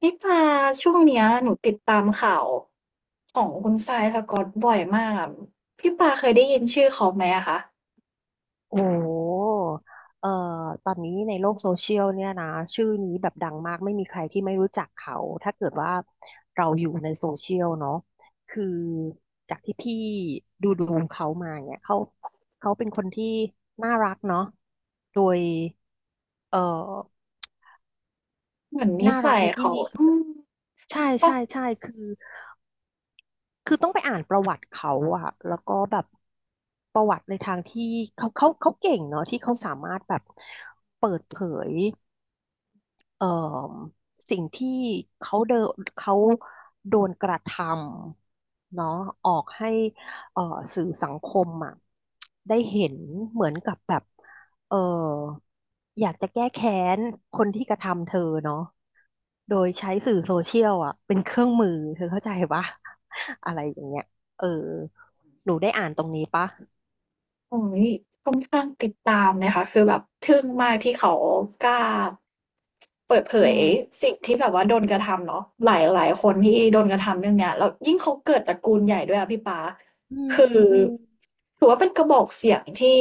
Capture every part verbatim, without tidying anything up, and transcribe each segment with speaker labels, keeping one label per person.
Speaker 1: พี่ปาช่วงเนี้ยหนูติดตามข่าวของคุณทรายสก๊อตบ่อยมากอะพี่ปาเคยได้ยินชื่อเขาไหมอะคะ
Speaker 2: โอ้โหเอ่อตอนนี้ในโลกโซเชียลเนี่ยนะชื่อนี้แบบดังมากไม่มีใครที่ไม่รู้จักเขาถ้าเกิดว่าเราอยู่ในโซเชียลเนาะคือจากที่พี่ดูดูเขามาเนี่ยเขาเขาเป็นคนที่น่ารักเนาะโดยเอ่อ
Speaker 1: เหมือนนิ
Speaker 2: น่ารั
Speaker 1: สั
Speaker 2: ก
Speaker 1: ย
Speaker 2: ในที่
Speaker 1: เขา
Speaker 2: นี้คือ
Speaker 1: อื
Speaker 2: แบบ
Speaker 1: ม
Speaker 2: ใช่
Speaker 1: ก็
Speaker 2: ใช่ใช่คือ คือต้องไปอ่านประวัติเขาอะแล้วก็แบบประวัติในทางที่เขาเขาเขาเก่งเนาะที่เขาสามารถแบบเปิดเผย เอ่อสิ่งที่เขาเดนเขาโดนกระทำเนาะออกให้เอ่อสื่อสังคมอ่ะได้เห็นเหมือนกับแบบเอ่ออยากจะแก้แค้นคนที่กระทำเธอเนาะโดยใช้สื่อโซเชียลอ่ะเป็นเครื่องมือเธอเข้าใจปะ อะไรอย่างเงี้ยเออหนูได้อ่านตรงนี้ปะ
Speaker 1: โอ้โฮค่อนข้างติดตามนะคะคือแบบทึ่งมากที่เขากล้าเปิดเผ
Speaker 2: อื
Speaker 1: ย
Speaker 2: ม
Speaker 1: สิ่งที่แบบว่าโดนกระทำเนาะหลายหลายคนที่โดนกระทำเรื่องเนี้ยแล้วยิ่งเขาเกิดตระกูลใหญ่ด้วยอะพี่ป๊า
Speaker 2: อืม
Speaker 1: คือ
Speaker 2: อืม
Speaker 1: ถือว่าเป็นกระบอกเสียงที่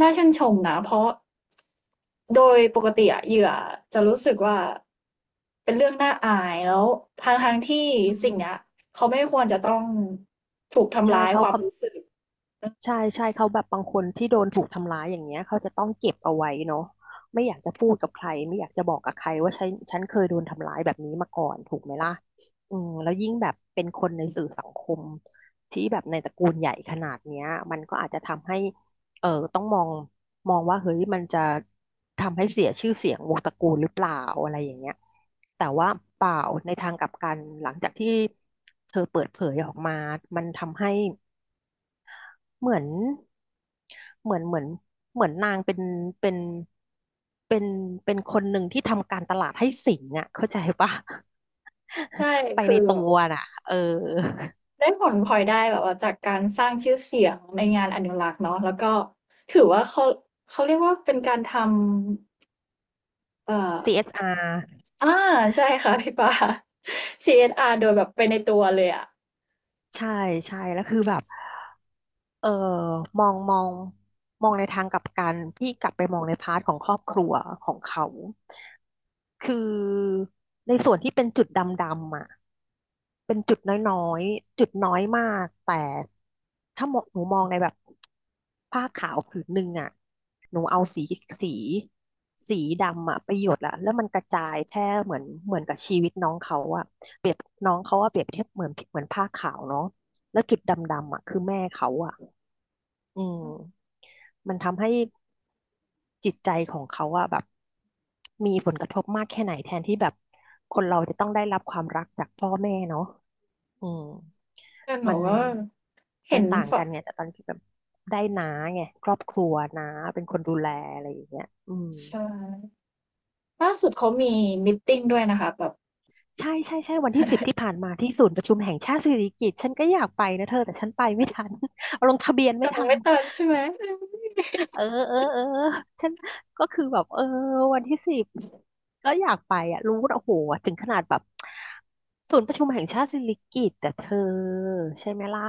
Speaker 1: น่าชื่นชมนะเพราะโดยปกติอะเหยื่อจะรู้สึกว่าเป็นเรื่องน่าอายแล้วทั้งๆที่
Speaker 2: ใช
Speaker 1: สิ่งเนี้ย
Speaker 2: ่
Speaker 1: เขาไม่ควรจะต้องถูกทำ
Speaker 2: ใช่
Speaker 1: ร้าย
Speaker 2: เขา
Speaker 1: ความรู้
Speaker 2: คำ
Speaker 1: สึก
Speaker 2: ใช่ใช่เขาแบบบางคนที่โดนถูกทำร้ายอย่างเงี้ยเขาจะต้องเก็บเอาไว้เนาะไม่อยากจะพูดกับใครไม่อยากจะบอกกับใครว่าฉันฉันเคยโดนทำร้ายแบบนี้มาก่อนถูกไหมล่ะอืมแล้วยิ่งแบบเป็นคนในสื่อสังคมที่แบบในตระกูลใหญ่ขนาดเนี้ยมันก็อาจจะทำให้เออต้องมองมองว่าเฮ้ยมันจะทำให้เสียชื่อเสียงวงตระกูลหรือเปล่าอะไรอย่างเงี้ยแต่ว่าเปล่าในทางกลับกันหลังจากที่เธอเปิดเผยออกมามันทำให้ เหมือนเหมือนเหมือนเหมือนนางเป็นเป็นเป็นเป็นคนหนึ่งที่ทำการตลาดให้สิงห์อ่ะเข้าใจปะ
Speaker 1: ใช่
Speaker 2: ไป
Speaker 1: คือ
Speaker 2: ใน
Speaker 1: แบ
Speaker 2: ตั
Speaker 1: บ
Speaker 2: วน่ะเออ
Speaker 1: ได้ผลพลอยได้แบบว่าจากการสร้างชื่อเสียงในงานอนุรักษ์เนาะแล้วก็ถือว่าเขาเขาเรียกว่าเป็นการทำเอ่อ
Speaker 2: ซี เอส อาร์
Speaker 1: อาใช่ค่ะพี่ปา ซี เอส อาร์ โดยแบบไปในตัวเลยอะ
Speaker 2: ใช่ใช่ แล้วคือแบบเออมองมองมองในทางกลับกันพี่กลับไปมองในพาร์ทของครอบครัวของเขา คือในส่วนที่เป็นจุดดำๆอ่ะเป็นจุดน้อยๆจุดน้อยมากแต่ถ้ามองหนูมองในแบบผ้าขาวผืนหนึ่งอ่ะหนูเอาสีสีสีดำอ่ะไปหยดละแล้วมันกระจายแพร่เหมือนเหมือนกับชีวิตน้องเขาอ่ะเปรียบน้องเขาอ่ะเปรียบเทียบเหมือนเหมือนผ้าขาวเนาะแล้วจุดดำๆอ่ะคือแม่เขาอ่ะอืม
Speaker 1: อืม
Speaker 2: มันทำให้จิตใจของเขาอะแบบมีผลกระทบมากแค่ไหนแทนที่แบบคนเราจะต้องได้รับความรักจากพ่อแม่เนาะอืม
Speaker 1: แต่ห
Speaker 2: มั
Speaker 1: นู
Speaker 2: น
Speaker 1: ว่าเห็
Speaker 2: มัน
Speaker 1: น
Speaker 2: ต่าง
Speaker 1: ฝ
Speaker 2: กันไงแต่ตอนที่แบบได้น้าไงครอบครัวน้าเป็นคนดูแลอะไรอย่างเงี้ยอืม
Speaker 1: ใช่ล่าสุดเขามีมีตติงด้วยนะคะแบบ
Speaker 2: ใช่ใช่ใช่วันที่สิบที่ผ่านมาที่ศูนย์ประชุมแห่งชาติสิริกิติ์ฉันก็อยากไปนะเธอแต่ฉันไปไม่ทัน เอาลงทะเบียน
Speaker 1: จ
Speaker 2: ไม่
Speaker 1: อง
Speaker 2: ทัน
Speaker 1: ไม่ทันใช่ไหมอืม
Speaker 2: เออเออเออ ฉันก็คือแบบเออวันที่สิบก็อยากไปอ่ะรู้นะโอ้โหถึงขนาดแบบศูนย์ประชุมแห่งชาติสิริกิติ์แต่เธอใช่ไหมล่ะ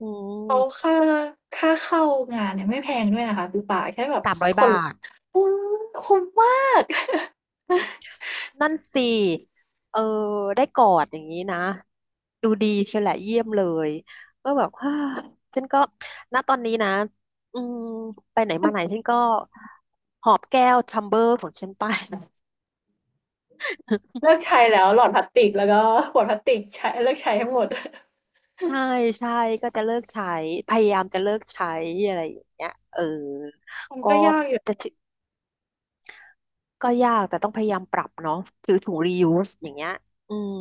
Speaker 2: อืม
Speaker 1: เขาค่าค่าเข้างานเนี่ยไม่แพงด้วยนะคะพี่ปาแค่แบบ
Speaker 2: สาม
Speaker 1: ส
Speaker 2: ร้อย
Speaker 1: คน
Speaker 2: บาท
Speaker 1: โอ้คุ้มมาก
Speaker 2: นั่นสิเออได้กอดอย่างนี้นะดูดีเชียวแหละเยี่ยมเลยก็แบบ ฮ่าฉันก็ณตอนนี้นะอืมไปไหน
Speaker 1: มัน
Speaker 2: มาไหนฉันก็หอบแก้วทัมเบอร์ของฉันไป
Speaker 1: เลิกใช้แล้วหลอดพลาสติกแล้วก็ขวดพลาสติกใช้เลิกใช้ทั้งหมด
Speaker 2: ใช่ใช่ก็จะเลิกใช้พยายามจะเลิกใช้อะไรอย่างเงี้ยเออ
Speaker 1: มัน
Speaker 2: ก็
Speaker 1: ก็ยากอยู่
Speaker 2: แต่ถึก็ยากแต่ต้องพยายามปรับเนาะถือถุง reuse อย่างเงี้ยอืม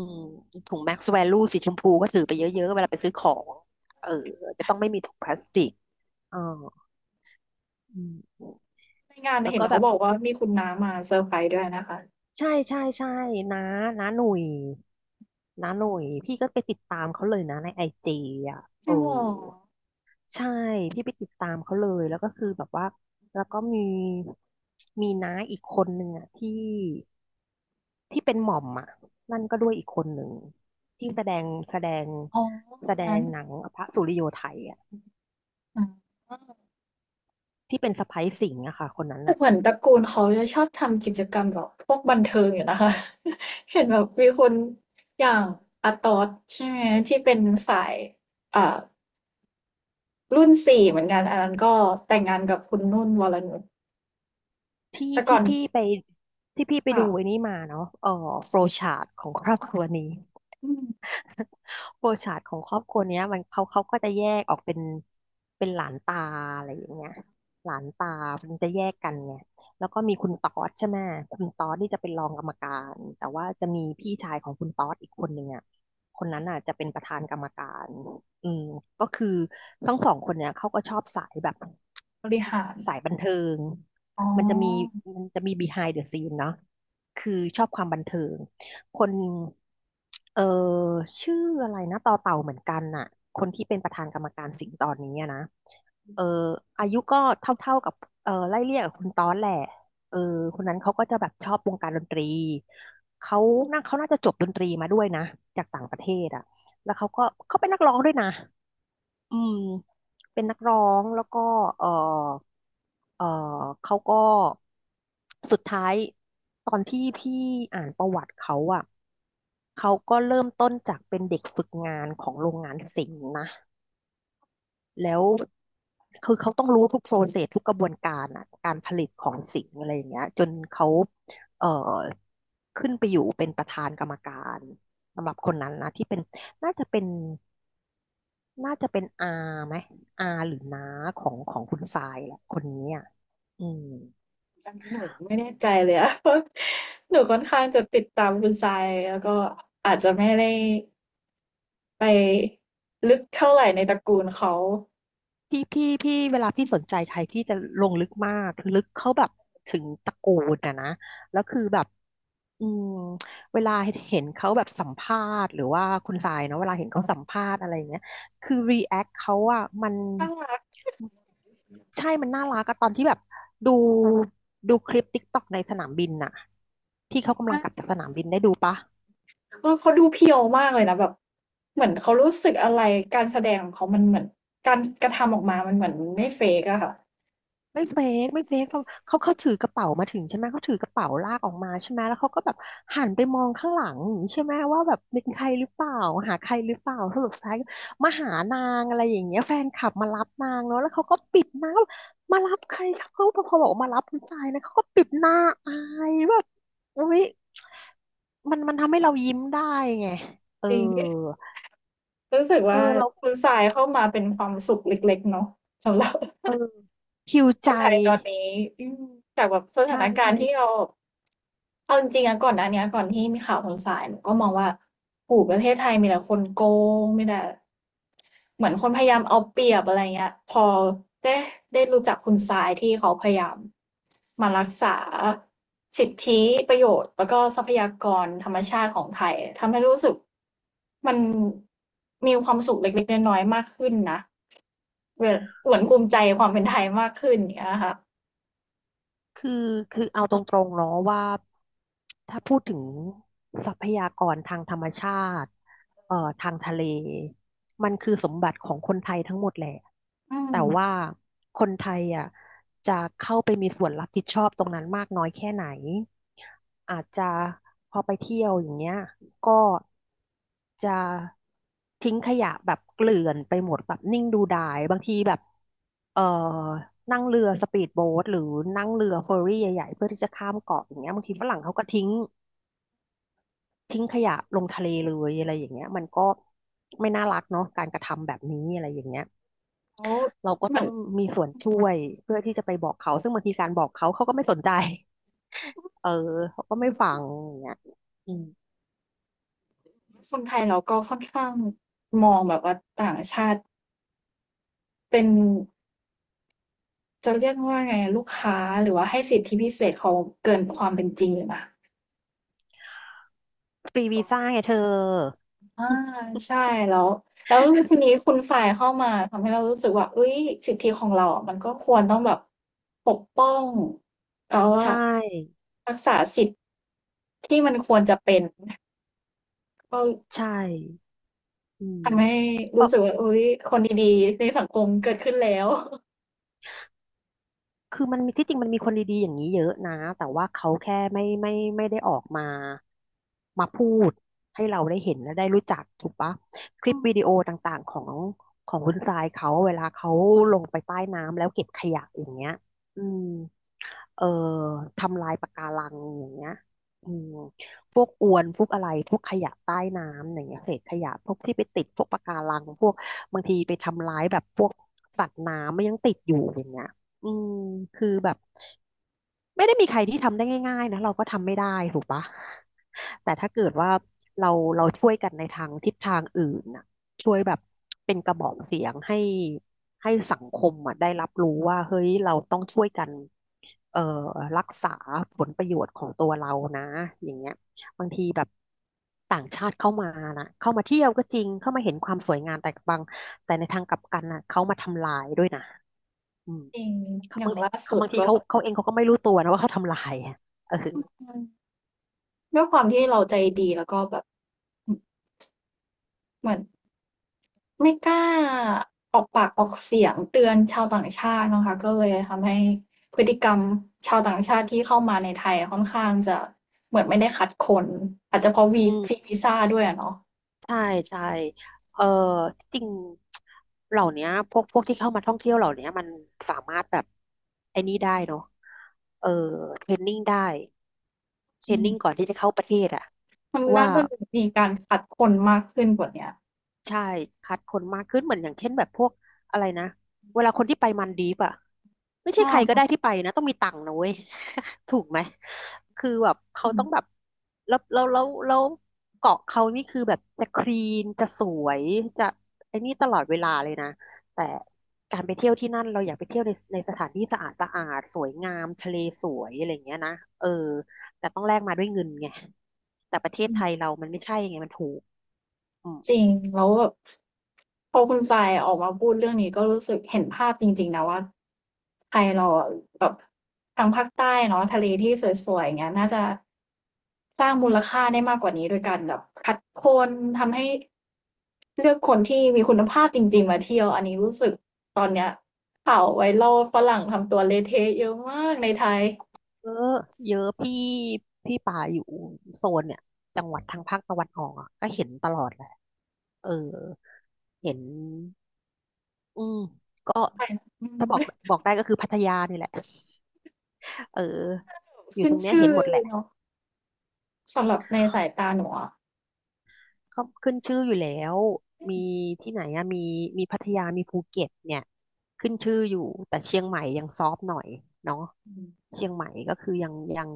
Speaker 2: ถุง max value สีชมพูก็ถือไปเยอะๆเวลาไปซื้อของเออจะต้องไม่มีถุงพลาสติกอออืม
Speaker 1: ในงาน
Speaker 2: แล้ว
Speaker 1: เห็น
Speaker 2: ก็แบ
Speaker 1: เขา
Speaker 2: บ
Speaker 1: บอกว่ามีคุณน้ามาเซอร์ไพรส์ด้วยนะคะ
Speaker 2: ใช่ใช่ใช่นะนะหนุ่ยนะหนุ่ยพี่ก็ไปติดตามเขาเลยนะในไอจีอ่ะ
Speaker 1: จ
Speaker 2: เอ
Speaker 1: ริ
Speaker 2: อ
Speaker 1: งเหรอ
Speaker 2: ใช่พี่ไปติดตามเขาเลยแล้วก็คือแบบว่าแล้วก็มีมีน้าอีกคนหนึ่งอ่ะที่ที่เป็นหม่อมอ่ะนั่นก็ด้วยอีกคนหนึ่งที่แสดงแสดง
Speaker 1: อ๋อค
Speaker 2: แส
Speaker 1: น
Speaker 2: ด
Speaker 1: นั้
Speaker 2: ง
Speaker 1: น
Speaker 2: หนังพระสุริโยไทยอ่ะ
Speaker 1: อ๋อ
Speaker 2: ที่เป็นสะใภ้สิงห์อะค่ะคนนั้น
Speaker 1: แต่
Speaker 2: อ่ะ
Speaker 1: เหมือนตระกูลเขาจะชอบทำกิจกรรมแบบพวกบันเทิงอยู่นะคะ เห็นแบบมีคนอย่างอาตอสใช่ไหมที่เป็นสายอ่ารุ่นสี่เหมือนกันอันนั้นก็แต่งงานกับคุณนุ่นวรนุช
Speaker 2: ที่
Speaker 1: แต่ก่อ
Speaker 2: ที่
Speaker 1: น
Speaker 2: พี่ไปที่พี่ไป
Speaker 1: ค่ะ
Speaker 2: ดูไอ้นี่มาเนาะเออโฟลว์ชาร์ตของครอบครัวนี้
Speaker 1: อืม
Speaker 2: โปรชาร์ตของครอบครัวเนี้ยมันเขาเขาก็จะแยกออกเป็นเป็นหลานตาอะไรอย่างเงี้ยหลานตามันจะแยกกันไงแล้วก็มีคุณต๊อดใช่ไหมคุณต๊อดนี่จะเป็นรองกรรมการแต่ว่าจะมีพี่ชายของคุณต๊อดอีกคนหนึ่งอ่ะคนนั้นอ่ะจะเป็นประธานกรรมการอืมก็คือทั้งสองคนเนี้ยเขาก็ชอบสายแบบ
Speaker 1: บริหาร
Speaker 2: สายบันเทิง
Speaker 1: อ๋อ
Speaker 2: มันจะมีมันจะมี behind the scene เนาะคือชอบความบันเทิง คนเออชื่ออะไรนะต่อเต่าเหมือนกันน่ะคนที่เป็นประธานกรรมการสิงห์ตอนนี้อะนะเอออายุก็เท่าๆกับเออไล่เลี่ยกับคุณตอนแหละเออคนนั้นเขาก็จะแบบชอบวงการดนตรีเขาน่าเขาน่าจะจบดนตรีมาด้วยนะจากต่างประเทศอ่ะแล้วเขาก็เขาเป็นนักร้องด้วยนะอืมเป็นนักร้องแล้วก็เออ เออเขาก็สุดท้ายตอนที่พี่อ่านประวัติเขาอ่ะเขาก็เริ่มต้นจากเป็นเด็กฝึกงานของโรงงานสิงห์นะแล้วคือเขาต้องรู้ทุกโปรเซสทุกกระบวนการอ่ะการผลิตของสิงห์อะไรอย่างเงี้ยจนเขาเอ่อขึ้นไปอยู่เป็นประธานกรรมการสำหรับคนนั้นนะที่เป็นน่าจะเป็นน่าจะเป็นอาไหมอาหรือน้าของของคุณทรายแหละคนนี้อ่ะอืม
Speaker 1: อันนี้หนูไม่แน่ใจเลยอะ เพราะหนูค่อนข้างจะติดตามคุณทรายแล้วก็อาจจะไม่ได้ไปลึกเท่าไหร่ในตระกูลเขา
Speaker 2: พี่พี่พี่เวลาพี่สนใจใครที่จะลงลึกมากลึกเขาแบบถึงตระกูลอะนะแล้วคือแบบอืมเวลาเห็นเขาแบบสัมภาษณ์หรือว่าคุณสายเนาะเวลาเห็นเขาสัมภาษณ์อะไรอย่างเงี้ยคือรีแอคเขาอะมัน
Speaker 1: น่ารัก
Speaker 2: ใช่มันน่ารักอะตอนที่แบบดูดูคลิปติ๊กต็อกในสนามบินน่ะที่เขากำลั
Speaker 1: มา
Speaker 2: ง
Speaker 1: ก
Speaker 2: กลับจากสนามบินได้ดูปะ
Speaker 1: เออเขาดูเพียวมากเลยนะแบบเหมือนเขารู้สึกอะไรการแสดงของเขามันเหมือนการกระทำออกมามันเหมือนไม่เฟกอะค่ะ
Speaker 2: ไม่เฟกไม่เฟกเพราะเขาเขาถือกระเป๋ามาถึงใช่ไหมเขาถือกระเป๋าลากออกมาใช่ไหมแล้วเขาก็แบบหันไปมองข้างหลังอย่างนี้ใช่ไหมว่าแบบเป็นใครหรือเปล่าหาใครหรือเปล่าสรุปท้ายก็มาหานางอะไรอย่างเงี้ยแฟนคลับมารับนางเนาะแล้วเขาก็ปิดหน้ามารับใครครับเขาพอบอกว่ามารับคุณทรายนะเขาก็ปิดหน้าอายแบบอุ๊ยมันมันทำให้เรายิ้มได้ไงเออ
Speaker 1: จริงรู้สึก
Speaker 2: เออ
Speaker 1: ว่า
Speaker 2: เรา
Speaker 1: คุณทรายเข้ามาเป็นความสุขเล็กๆเนาะสำหรับ
Speaker 2: เออคิว
Speaker 1: ค
Speaker 2: ใจ
Speaker 1: นไทยตอนนี้อืมจากแบบสถา
Speaker 2: ใช่
Speaker 1: นการ
Speaker 2: ใช่
Speaker 1: ณ์ที่เราเอาจริงๆนะก่อนหน้าเนี้ยก่อนที่มีข่าวคนสายหนูก็มองว่าโอ้โฮประเทศไทยมีแต่คนโกงมีแต่เหมือนคนพยายามเอาเปรียบอะไรเงี้ยพอได้ได้รู้จักคุณสายที่เขาพยายามมารักษาสิทธิประโยชน์แล้วก็ทรัพยากรธรรมชาติของไทยทำให้รู้สึกมัน มีความสุขเล็กๆน้อยๆมากขึ้นนะเวหวนภูมิใจความเป็นไทยมากขึ้นอย่างเงี้ยค่ะ
Speaker 2: คือคือเอาตรงๆเนาะว่าถ้าพูดถึงทรัพยากรทางธรรมชาติเอ่อทางทะเลมันคือสมบัติของคนไทยทั้งหมดแหละ
Speaker 1: อืม
Speaker 2: แต่ว่าคนไทยอ่ะจะเข้าไปมีส่วนรับผิดชอบตรงนั้นมากน้อยแค่ไหนอาจจะพอไปเที่ยวอย่างเงี้ย ก็จะทิ้งขยะแบบเกลื่อนไปหมดแบบนิ่งดูดายบางทีแบบเอ่อนั่งเรือสปีดโบ๊ทหรือนั่งเรือเฟอร์รี่ใหญ่ๆเพื่อที่จะข้ามเกาะอย่างเงี้ยบางทีฝรั่งเขาก็ทิ้งทิ้งขยะลงทะเลเลยอะไรอย่างเงี้ยมันก็ไม่น่ารักเนาะการกระทำแบบนี้อะไรอย่างเงี้ย
Speaker 1: แล้ว
Speaker 2: เราก็
Speaker 1: เหมื
Speaker 2: ต้
Speaker 1: อ
Speaker 2: อ
Speaker 1: น
Speaker 2: งมีส่วนช่วยเพื่อที่จะไปบอกเขาซึ่งบางทีการบอกเขาเขาก็ไม่สนใจเออเขาก็ไม่ฟังอย่างเงี้ยอืม
Speaker 1: คนไทยเราก็ค่อนข้างมองแบบว่าต่างชาติเป็นจะเรียกว่าไงลูกค้าหรือว่าให้สิทธิพิเศษเขาเกินความเป็นจริงอยู่นะ
Speaker 2: ฟรี
Speaker 1: ตร
Speaker 2: วี
Speaker 1: งนั้
Speaker 2: ซ่า
Speaker 1: น
Speaker 2: ไงเธอ
Speaker 1: อาใช่แล้วแล้วทีนี้คุณฝ่ายเข้ามาทำให้เรารู้สึกว่าเฮ้ยสิทธิของเราอะมันก็ควรต้องแบบปกป้องแล้วว่า
Speaker 2: ใช่
Speaker 1: รักษาสิทธิ์ที่มันควรจะเป็นก็
Speaker 2: ใช่อืม
Speaker 1: ทำให้รู้
Speaker 2: ปะ
Speaker 1: สึกว่าอุ๊ยคนดีๆในสังคมเกิดขึ้นแล้ว
Speaker 2: คือมันมีที่จริงมันมีคนดีๆอย่างนี้เยอะนะ แต่ว่าเขาแค่ไม่ไม่ไม่ได้ออกมา มาพูดให้เราได้เห็นและได้รู้จักถูกปะคลิ
Speaker 1: อื
Speaker 2: ป
Speaker 1: ม
Speaker 2: วิดีโอต่างๆของของคุณทรายเขาเวลาเขาลงไปใต้น้ำแล้วเก็บขยะอย่างเงี้ยอืม เอ่อทำลายปะการังอย่างเงี้ยอืมพวกอวนพวกอะไรพวกขยะใต้น้ำอย่างเงี้ยเศษขยะพวกที่ไปติดพวกปะการังพวกบางทีไปทำร้ายแบบพวกสัตว์น้ำมันยังติดอยู่อย่างเงี้ยอืมคือแบบไม่ได้มีใครที่ทำได้ง่ายๆนะเราก็ทำไม่ได้ถูกปะแต่ถ้าเกิดว่าเราเราช่วยกันในทางทิศทางอื่นนะ ช่วยแบบเป็นกระบอกเสียงให้ให้สังคมอ่ะได้รับรู้ว่าเฮ้ยเราต้องช่วยกันเอ่อรักษาผลประโยชน์ของตัวเรานะอย่างเงี้ยบางทีแบบต่างชาติเข้ามานะเข้ามาเที่ยวก็จริงเข้ามาเห็นความสวยงามแต่บางแต่ในทางกลับกันน่ะเขามาทำลายด้วยนะอืม
Speaker 1: จริง
Speaker 2: เขา
Speaker 1: อย่า
Speaker 2: บา
Speaker 1: ง
Speaker 2: งที
Speaker 1: ล่า
Speaker 2: เขา
Speaker 1: สุด
Speaker 2: บางที
Speaker 1: ก็
Speaker 2: เขาเขาเองเขาก็ไม่รู้ตัวนะว่าเขาทำลายอะเออ
Speaker 1: อืมด้วยความที่เราใจดีแล้วก็แบบอืมเหมือนไม่กล้าออกปากออกเสียงเตือนชาวต่างชาตินะคะก็เลยทำให้พฤติกรรมชาวต่างชาติที่เข้ามาในไทยค่อนข้างจะเหมือนไม่ได้คัดคนอาจจะเพราะวี
Speaker 2: อื
Speaker 1: ฟรี
Speaker 2: ม
Speaker 1: วีซาด้วยอะเนาะ
Speaker 2: ใช่ใช่เออที่จริงเหล่าเนี้ยพวกพวกที่เข้ามาท่องเที่ยวเหล่าเนี้ยมันสามารถแบบไอ้นี่ได้เนาะเออ เทรนนิ่งได้
Speaker 1: จ
Speaker 2: เทร
Speaker 1: ริ
Speaker 2: นนิ่งก่
Speaker 1: ง
Speaker 2: อนที่จะเข้าประเทศอะ
Speaker 1: มันน่า
Speaker 2: ว่า
Speaker 1: จะมีการคัดคนมากขึ้นกว่าเนี้ย
Speaker 2: ใช่คัดคนมากขึ้นเหมือนอย่างเช่นแบบพวกอะไรนะเวลาคนที่ไปมันดีฟอ่ะไม่ใช่
Speaker 1: อ
Speaker 2: ใครก็
Speaker 1: า
Speaker 2: ได้ที่ไปนะต้องมีตังค์นะเว้ย ถูกไหมคือแบบ
Speaker 1: อื
Speaker 2: เขาต้องแบ
Speaker 1: ม
Speaker 2: บแล้วแล้วแล้วแล้วเกาะเขานี่คือแบบจะคลีนจะสวยจะไอ้นี่ตลอดเวลาเลยนะแต่การไปเที่ยวที่นั่นเราอยากไปเที่ยวในในสถานที่สะอาดสะอาดสวยงามทะเลสวยอะไรอย่างเงี้ยนะเออแต่ต้องแลกมาด้วยเงินไงแต่ประเท
Speaker 1: จ
Speaker 2: ศ
Speaker 1: ริ
Speaker 2: ไทย
Speaker 1: ง
Speaker 2: เรามันไม่ใช่ไงมันถูกอืม
Speaker 1: จริงแล้วแบบพอคุณทรายออกมาพูดเรื่องนี้ก็รู้สึกเห็นภาพจริงๆนะว่าไทยเราอะแบบทางภาคใต้เนาะทะเลที่สวยๆอย่างเงี้ยน่าจะสร้างมูลค่าได้มากกว่านี้โดยการแบบคัดคนทำให้เลือกคนที่มีคุณภาพจริงๆมาเที่ยวอันนี้รู้สึกตอนเนี้ยข่าว viral ฝรั่งทำตัวเละเทะเยอะมากในไทย
Speaker 2: เยอะเยอะพี่พี่ป่าอยู่โซนเนี่ยจังหวัดทางภาคตะวันออกอ่ะก็เห็นตลอดแหละเออเห็นอืมก็
Speaker 1: ไทยอื
Speaker 2: ถ้า
Speaker 1: ม
Speaker 2: บอกบอกได้ก็คือพัทยานี่แหละเออ อยู่
Speaker 1: ขึ้
Speaker 2: ต
Speaker 1: น
Speaker 2: รงเนี้ย
Speaker 1: ชื่
Speaker 2: เห็
Speaker 1: อ
Speaker 2: นหมดแหละ
Speaker 1: เนาะสำหรับในสายตาหนูอะ
Speaker 2: ก็ขึ้นชื่ออยู่แล้ว มีที่ไหนอะมีมีพัทยามีภูเก็ตเนี่ยขึ้นชื่ออยู่แต่เชียงใหม่ยังซอฟต์หน่อยเนาะ
Speaker 1: อืม
Speaker 2: เชียงใหม่ก็คือยังยัง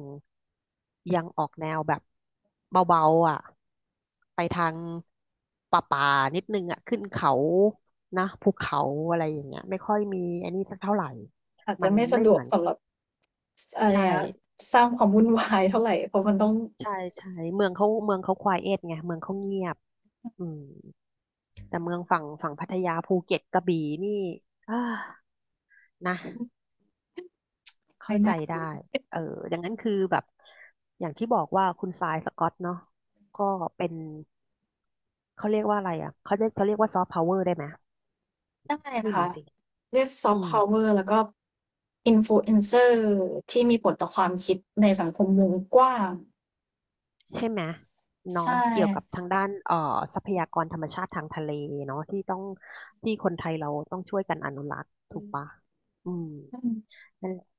Speaker 2: ยังออกแนวแบบเบาๆอ่ะไปทางป่าป่านิดนึงอ่ะขึ้นเขานะภูเขาอะไรอย่างเงี้ยไม่ค่อยมีอันนี้สักเท่าไหร่
Speaker 1: อาจ
Speaker 2: มั
Speaker 1: จะ
Speaker 2: น
Speaker 1: ไม่สะ
Speaker 2: ไม่
Speaker 1: ด
Speaker 2: เห
Speaker 1: ว
Speaker 2: มื
Speaker 1: ก
Speaker 2: อน
Speaker 1: สำหรับ สอะไร
Speaker 2: ใช่
Speaker 1: อะสร้างความวุ่นวาย เท่าไรเพราะมันต้อง
Speaker 2: ใช่ใช่เมืองเขาเมืองเขาควายเอทไงเมืองเขาเงียบอืม แต่เมืองฝั่งฝั่งพัทยาภูเก็ตกระบี่นี่อ่านะเข้า
Speaker 1: ไม่
Speaker 2: ใจ
Speaker 1: น่า เลย
Speaker 2: ได้เออดังนั้นคือแบบอย่างที่บอกว่าคุณทรายสกอตเนาะก็เป็นเขาเรียกว่าอะไรอ่ะเขาเรียกเขาเรียกว่าซอฟต์พาวเวอร์ได้ไหม
Speaker 1: ได้
Speaker 2: ไม่
Speaker 1: นะคะ
Speaker 2: รู้สิ
Speaker 1: เรียกซอฟ
Speaker 2: อื
Speaker 1: ต์
Speaker 2: ม
Speaker 1: พาวเวอร์แล้วก็ Influencer ที่มีผลต่อความคิดในสังคมวงกว้าง
Speaker 2: ใช่ไหมเนาะ
Speaker 1: ใช่
Speaker 2: เกี่ยวกับทางด้านเอ่อทรัพยากรธรรมชาติทางทะเลเนาะที่ต้องที่คนไทยเราต้องช่วยกันอนุรักษ์
Speaker 1: อื
Speaker 2: ถูก
Speaker 1: ม
Speaker 2: ปะอืม
Speaker 1: ติ
Speaker 2: ่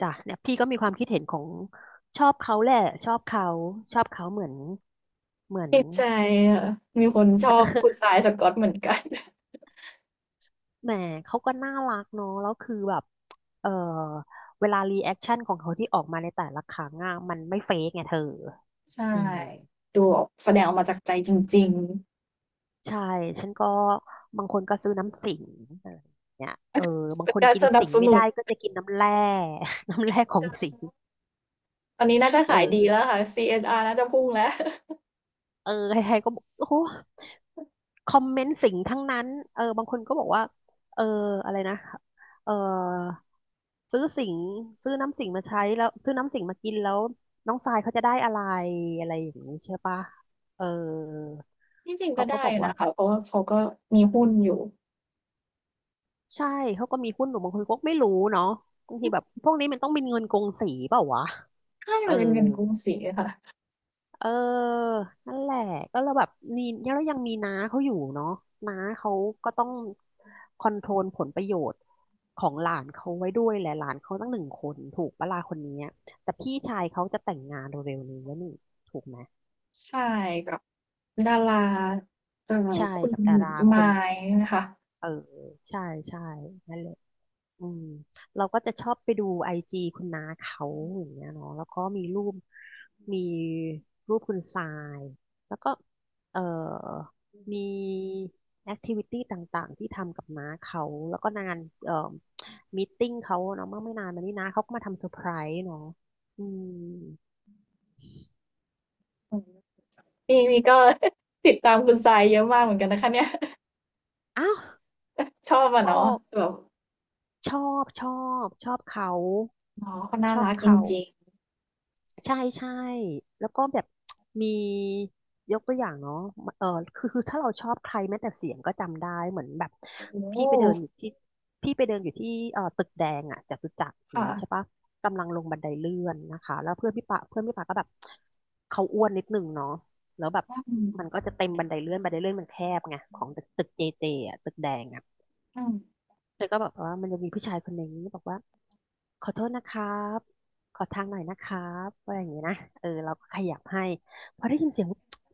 Speaker 2: จ้ะเนี่ยพี่ก็มีความคิดเห็นของชอบเขาแหละชอบเขาชอบเขาเหมือนเหมือน
Speaker 1: ดใจค่ะมีคนชอบคุณทรายสก็อตเหมือนกัน
Speaker 2: แหมเขาก็น่ารักเนาะแล้วคือแบบเออเวลารีแอคชั่นของเขาที่ออกมาในแต่ละครั้งอ่ะมันไม่เฟกไงเธอ
Speaker 1: ใช่
Speaker 2: อืม
Speaker 1: ดูออกแสดงออกมาจากใจจริง
Speaker 2: ใช่ฉันก็บางคนก็ซื้อน้ำสิงอะไรอย่างเนี่ยเออ
Speaker 1: ๆ
Speaker 2: บาง
Speaker 1: เป็น
Speaker 2: คน
Speaker 1: การ
Speaker 2: กิน
Speaker 1: สนับ
Speaker 2: สิง
Speaker 1: ส
Speaker 2: ไม่
Speaker 1: นุน
Speaker 2: ได้ก็จะกินน้ำแร่ น้ำแร่ของสิง
Speaker 1: ตอนนี้น่าจะขายดี
Speaker 2: เออ
Speaker 1: แล้วค่ะ ซี เอส อาร์ น่าจะพุ่งแล้ว
Speaker 2: เออใครๆก็บอกโอ้โห คอมเมนต์สิ่งทั้งนั้นเออบางคนก็บอกว่าเอออะไรนะเออซื้อสิงซื้อน้ำสิงมาใช้แล้วซื้อน้ำสิงมากินแล้วน้องทรายเขาจะได้อะไรอะไรอย่างนี้ใช่ปะเออ
Speaker 1: ที่จริง
Speaker 2: เขา
Speaker 1: ก็
Speaker 2: ก็
Speaker 1: ได้
Speaker 2: บอ
Speaker 1: อ
Speaker 2: ก
Speaker 1: ยู่
Speaker 2: ว่า
Speaker 1: นะคะเพราะว่าเขาก็มีหุ้นอยู่
Speaker 2: ใช่เขาก็มีหุ้นอยู่บางคนก็ไม่รู้เนาะบางทีแบบพวกนี้มันต้องเป็นเงินกงสีเปล่าวะ
Speaker 1: ใช่
Speaker 2: เอ
Speaker 1: มั
Speaker 2: อ
Speaker 1: นเป็นเงินกรุงศรีอะค่ะ
Speaker 2: เออ นั่นแหละ ก็เราแบบนี่แล้วยังมีน้าเขาอยู่เนาะน้าเขาก็ต้องคอนโทรลผลประโยชน์ของหลานเขาไว้ด้วยแหละหลานเขาตั้งหนึ่งคนถูกปะล่ะคนนี้ แต่พี่ชายเขาจะแต่งงานเร็วๆนี้แล้วนี่ถูกไหม
Speaker 1: ใช่แบบดาราเอ่อ
Speaker 2: ใช่
Speaker 1: คุณ
Speaker 2: กับดาราค
Speaker 1: ไมา
Speaker 2: น
Speaker 1: นะคะ
Speaker 2: เออใช่ใช่นั่นแหละ อืมเราก็จะชอบไปดูไอจีคุณน้าเขาอย่างเงี้ยเนาะแล้วก็มีรูปมีรูปคุณทรายแล้วก็เอ่อมีแอคทิวิตี้ต่างๆที่ทำกับน้าเขาแล้วก็งานเอ่อมีตติ้งเขาเนาะเมื่อไม่นานมานี้น้าเขาก็มาทำเซอร์ไพรส์เนาะอืม
Speaker 1: อืมนี่นี่ก็ ติดตามคุณทรายเยอะมากเหมือนกันนะคะเนี่ย
Speaker 2: อ้าว
Speaker 1: ชอบอะ
Speaker 2: ก็
Speaker 1: เนาะแบบ
Speaker 2: ชอบชอบชอบเขา
Speaker 1: อ๋อเขาน่า
Speaker 2: ชอบ
Speaker 1: รักจ
Speaker 2: เขา
Speaker 1: ริง
Speaker 2: ใช่ใช่แล้วก็แบบมียกตัวอย่างเนาะเออคือคือถ้าเราชอบใครแม้แต่เสียงก็จำได้เหมือนแบบ
Speaker 1: ๆโอ้โ
Speaker 2: พี่ไปเดินอยู่ที่พี่ไปเดินอยู่ที่เอ่อตึกแดงอ่ะจตุจักรอ
Speaker 1: ห
Speaker 2: ย่าง
Speaker 1: ค่ะ
Speaker 2: นี้ใช่ปะกำลังลงบันไดเลื่อนนะคะแล้วเพื่อนพี่ปะเพื่อนพี่ปะก็แบบเขาอ้วนนิดหนึ่งเนาะแล้วแบบ
Speaker 1: อื
Speaker 2: มัน
Speaker 1: ม
Speaker 2: ก็จะเต็มบันไดเลื่อนบันไดเลื่อนมันแคบไงของตึกตึกเจเจอ่ะตึกแดงอ่ะ
Speaker 1: อืม
Speaker 2: แล้วก็บอกว่ามันจะมีผู้ชายคนหนึ่งบอกว่าขอโทษนะครับขอทางหน่อยนะครับอะไรอย่างเงี้ยนะเออเราก็ขยับให้พอได้ยินเสียง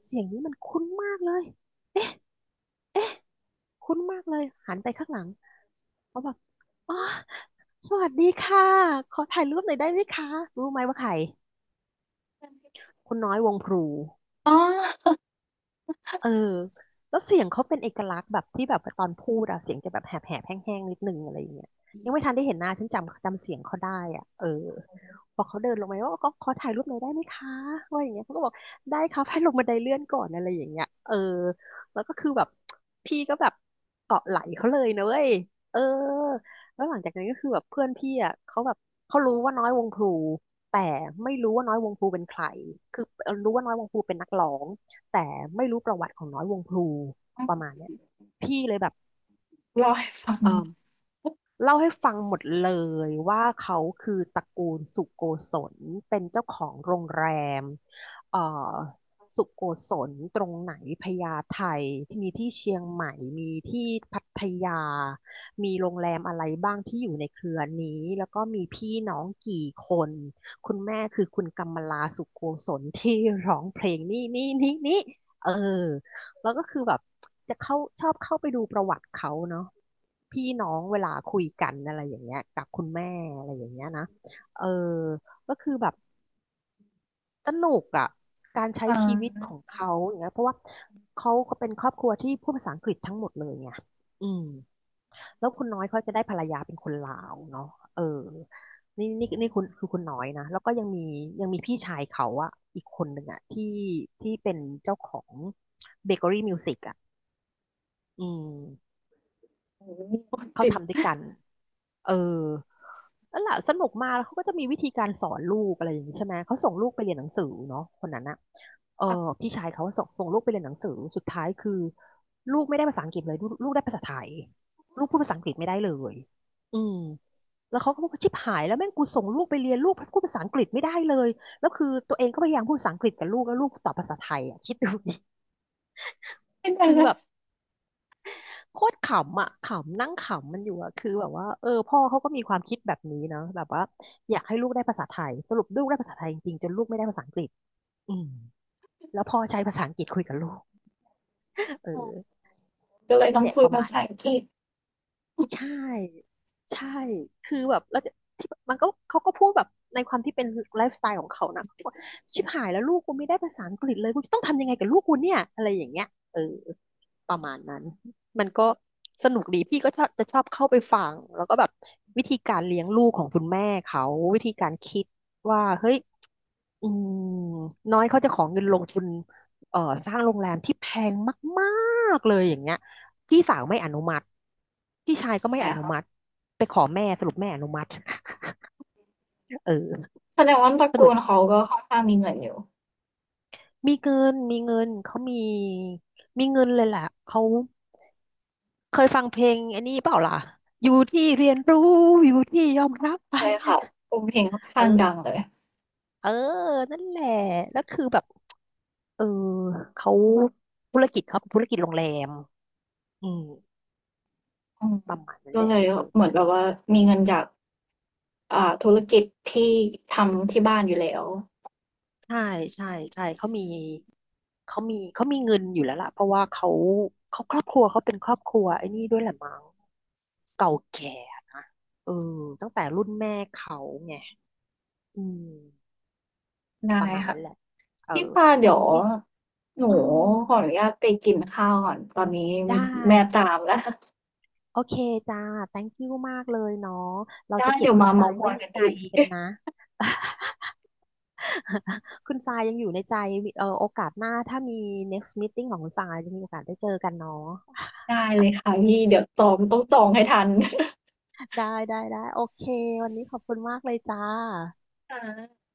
Speaker 2: เสียงนี้มันคุ้นมากเลยเอ๊ะคุ้นมากเลยหันไปข้างหลังเขาบอกอ๋อสวัสดีค่ะขอถ่ายรูปหน่อยได้ไหมคะรู้ไหมว่าใครคุณน้อยวงพลู
Speaker 1: อ๋อ
Speaker 2: เออแล้วเสียงเขาเป็นเอกลักษณ์แบบที่แบบตอนพูดอะเสียงจะแบบแหบแหบแห้งๆนิดนึงอะไรอย่างเงี้ยยังไม่ทันได้เห็นหน้าฉันจำจำเสียงเขาได้อ่ะเออพอเขาเดินลงมาว่าก็ขอถ่ายรูปหน่อยได้ไหมคะว่าอย่างเงี้ยเขาก็บอกได้ครับให้ลงบันไดเลื่อนก่อนอะไรอย่างเงี้ยเออแล้วก็คือแบบพี่ก็แบบเกาะไหล่เขาเลยนะเว้ยเออแล้วหลังจากนั้นก็คือแบบเพื่อนพี่อ่ะเขาแบบเขารู้ว่าน้อยวงพลูแต่ไม่รู้ว่าน้อยวงพลูเป็นใครคือรู้ว่าน้อยวงพลูเป็นนักร้อง แต่ไม่รู้ประวัติของน้อยวงพลูประมาณเนี้ยพี่เลยแบบ
Speaker 1: เล่าให้ฟัง
Speaker 2: เออ
Speaker 1: เหรอ
Speaker 2: เล่าให้ฟังหมดเลยว่าเขาคือตระกูลสุโกศลเป็นเจ้าของโรงแรมเอ่อสุโกศลตรงไหนพญาไทที่มีที่เชียงใหม่มีที่พัทยามีโรงแรมอะไรบ้างที่อยู่ในเครือนี้แล้วก็มีพี่น้องกี่คนคุณแม่คือคุณกำมลาสุโกศลที่ร้องเพลงนี่นี่นี่นี่เออแล้วก็คือแบบ จะเข้าชอบเข้าไปดูประวัติเขาเนาะพี่น้องเวลาคุยกันอะไรอย่างเงี้ยกับคุณแม่อะไรอย่างเงี้ยนะเออก็คือแบบสนุกอ่ะการใช้
Speaker 1: อา
Speaker 2: ชีวิตของเขาอย่างเงี้ยเพราะว่าเขาก็เป็นครอบครัวที่พูดภาษาอังกฤษทั้งหมดเลยไงอืมแล้วคุณน้อยเขาจะได้ภรรยาเป็นคนลาวเนาะเออนี่นี่นี่คุณคือคุณน้อยนะแล้วก็ยังมียังมีพี่ชายเขาอะอีกคนหนึ่งอะที่ที่เป็นเจ้าของเบเกอรี่มิวสิกอะอืม
Speaker 1: โอ้โห
Speaker 2: เขา
Speaker 1: ติด
Speaker 2: ทำด้วยกันเออนั่นแหละสนุกมากแล้วเขาก็จะมีวิธีการสอนลูกอะไรอย่างนี้ใช่ไหมเขาส่งลูกไปเรียนหนังสือเนาะคนนั้นอะเออ
Speaker 1: ค่ะ
Speaker 2: พี่ชายเขาส่งส่งลูกไปเรียนหนังสือสุดท้ายคือลูกไม่ได้ภาษาอังกฤษเลยลูกลูกได้ภาษาไทยลูกพูดภาษาอังกฤษไม่ได้เลยอืมแล้วเขาก็บอกว่าชิบหายแล้วแม่งกูส่งลูกไปเรียนลูกพูดภาษาอังกฤษไม่ได้เลยแล้วคือตัวเองก็พยายามพูดภาษาอังกฤษกับลูกแล้วลูกตอบภาษาไทยอ่ะคิดดูดิ
Speaker 1: เป็นไง
Speaker 2: คือ
Speaker 1: นะ
Speaker 2: แบบ โคตรขำอ่ะขำนั่งขำมันอยู่อ่ะคือแบบว่าเออพ่อเขาก็มีความคิดแบบนี้เนาะแบบว่าอยากให้ลูกได้ภาษาไทยสรุปลูกได้ภาษาไทยจริงๆจนลูกไม่ได้ภาษาอังกฤษอืมแล้วพ่อใช้ภาษาอังกฤษคุยกับลูกเ
Speaker 1: อ๋อ
Speaker 2: ออ
Speaker 1: ก็เลย
Speaker 2: นี่
Speaker 1: ต้อง
Speaker 2: แหละ
Speaker 1: คุ
Speaker 2: ป
Speaker 1: ย
Speaker 2: ระ
Speaker 1: ภา
Speaker 2: มาณ
Speaker 1: ษาอังกฤษ
Speaker 2: ใช่ใช่คือแบบแล้วที่มันก็เขาก็พูดแบบในความที่เป็นไลฟ์สไตล์ของเขานะเขาบอกชิบหายแล้วลูกกูไม่ได้ภาษาอังกฤษเลยกูจะต้องทำยังไงกับลูกกูเนี่ยอะไรอย่างเงี้ยเออประมาณนั้น มันก็สนุกดีพี่ก็ชอบจะชอบเข้าไปฟังแล้วก็แบบวิธีการเลี้ยงลูกของคุณแม่เขาวิธีการคิดว่าเฮ้ย อืมน้อยเขาจะขอเงินลงทุนเอ่อสร้างโรงแรมที่แพงมากๆเลยอย่างเงี้ยพี่สาวไม่อนุมัติพี่ชายก็
Speaker 1: ไห
Speaker 2: ไม่
Speaker 1: ม
Speaker 2: อ
Speaker 1: อะ
Speaker 2: นุ
Speaker 1: คะ
Speaker 2: มัติไปขอแม่สรุปแม่อนุมัติ เออ
Speaker 1: แสดงว่าตระ
Speaker 2: ส
Speaker 1: กู
Speaker 2: รุป
Speaker 1: ลเขาก็ค่อนข้างมีเงินอยู่
Speaker 2: มีเงินมีเงินเขามีมีเงินเลยแหละเขาเคยฟังเพลงอันนี้เปล่าล่ะอยู่ที่เรียนรู้อยู่ที่ยอมรับไป
Speaker 1: เลยค่ะโอ้เพลงค่อน
Speaker 2: เอ
Speaker 1: ข้าง
Speaker 2: อ
Speaker 1: ดังเลย
Speaker 2: เออนั่นแหละแล้วคือแบบเออเขาธุรกิจเขาเป็นธุรกิจโรงแรมอืม
Speaker 1: อืม
Speaker 2: ประมาณนั้น
Speaker 1: ก็
Speaker 2: แหละ
Speaker 1: เลย
Speaker 2: เออ
Speaker 1: เหมือนแบบว่ามีเงินจากอ่าธุรกิจที่ทำที่บ้านอยู่แล้ว
Speaker 2: ใช่ใช่ใช่เขามีเขามีเขามีเงินอยู่แล้วล่ะเพราะว่าเขาเขาครอบครัวเขาเป็นครอบครัวไอ้นี่ด้วยแหละมั้งเก่าแก่เออตั้งแต่รุ่นแม่เขาไงอืม
Speaker 1: ได้
Speaker 2: ประมาณ
Speaker 1: ค่ะ
Speaker 2: นั้นแหละเอ
Speaker 1: พี่
Speaker 2: อ
Speaker 1: ปาเดี๋
Speaker 2: วัน
Speaker 1: ยว
Speaker 2: นี้
Speaker 1: หนู
Speaker 2: อืม
Speaker 1: ขออนุญาตไปกินข้าวก่อนตอนนี้
Speaker 2: ได้
Speaker 1: แม่ตามแล้ว
Speaker 2: โอเคจ้า thank you มากเลยเนาะเรา
Speaker 1: ได้
Speaker 2: จะเก็บ
Speaker 1: เดี๋ยว
Speaker 2: คุณ
Speaker 1: มา
Speaker 2: ทรา
Speaker 1: เม้า
Speaker 2: ย
Speaker 1: ท์ม
Speaker 2: ไว้
Speaker 1: อย
Speaker 2: ใน
Speaker 1: กัน
Speaker 2: ใจ
Speaker 1: อีก
Speaker 2: กันนะ คุณทรายยังอยู่ในใจเออโอกาสหน้าถ้ามี next meeting ของคุณทรายจะมีโอกาสได้เจอกันเนาะ
Speaker 1: ได้เลยค่ะพี่เดี๋ยวจองต้องจองให้ทัน
Speaker 2: ได้ได้ได้โอเควันนี้ขอบคุณมากเลยจ้า
Speaker 1: ค่ะ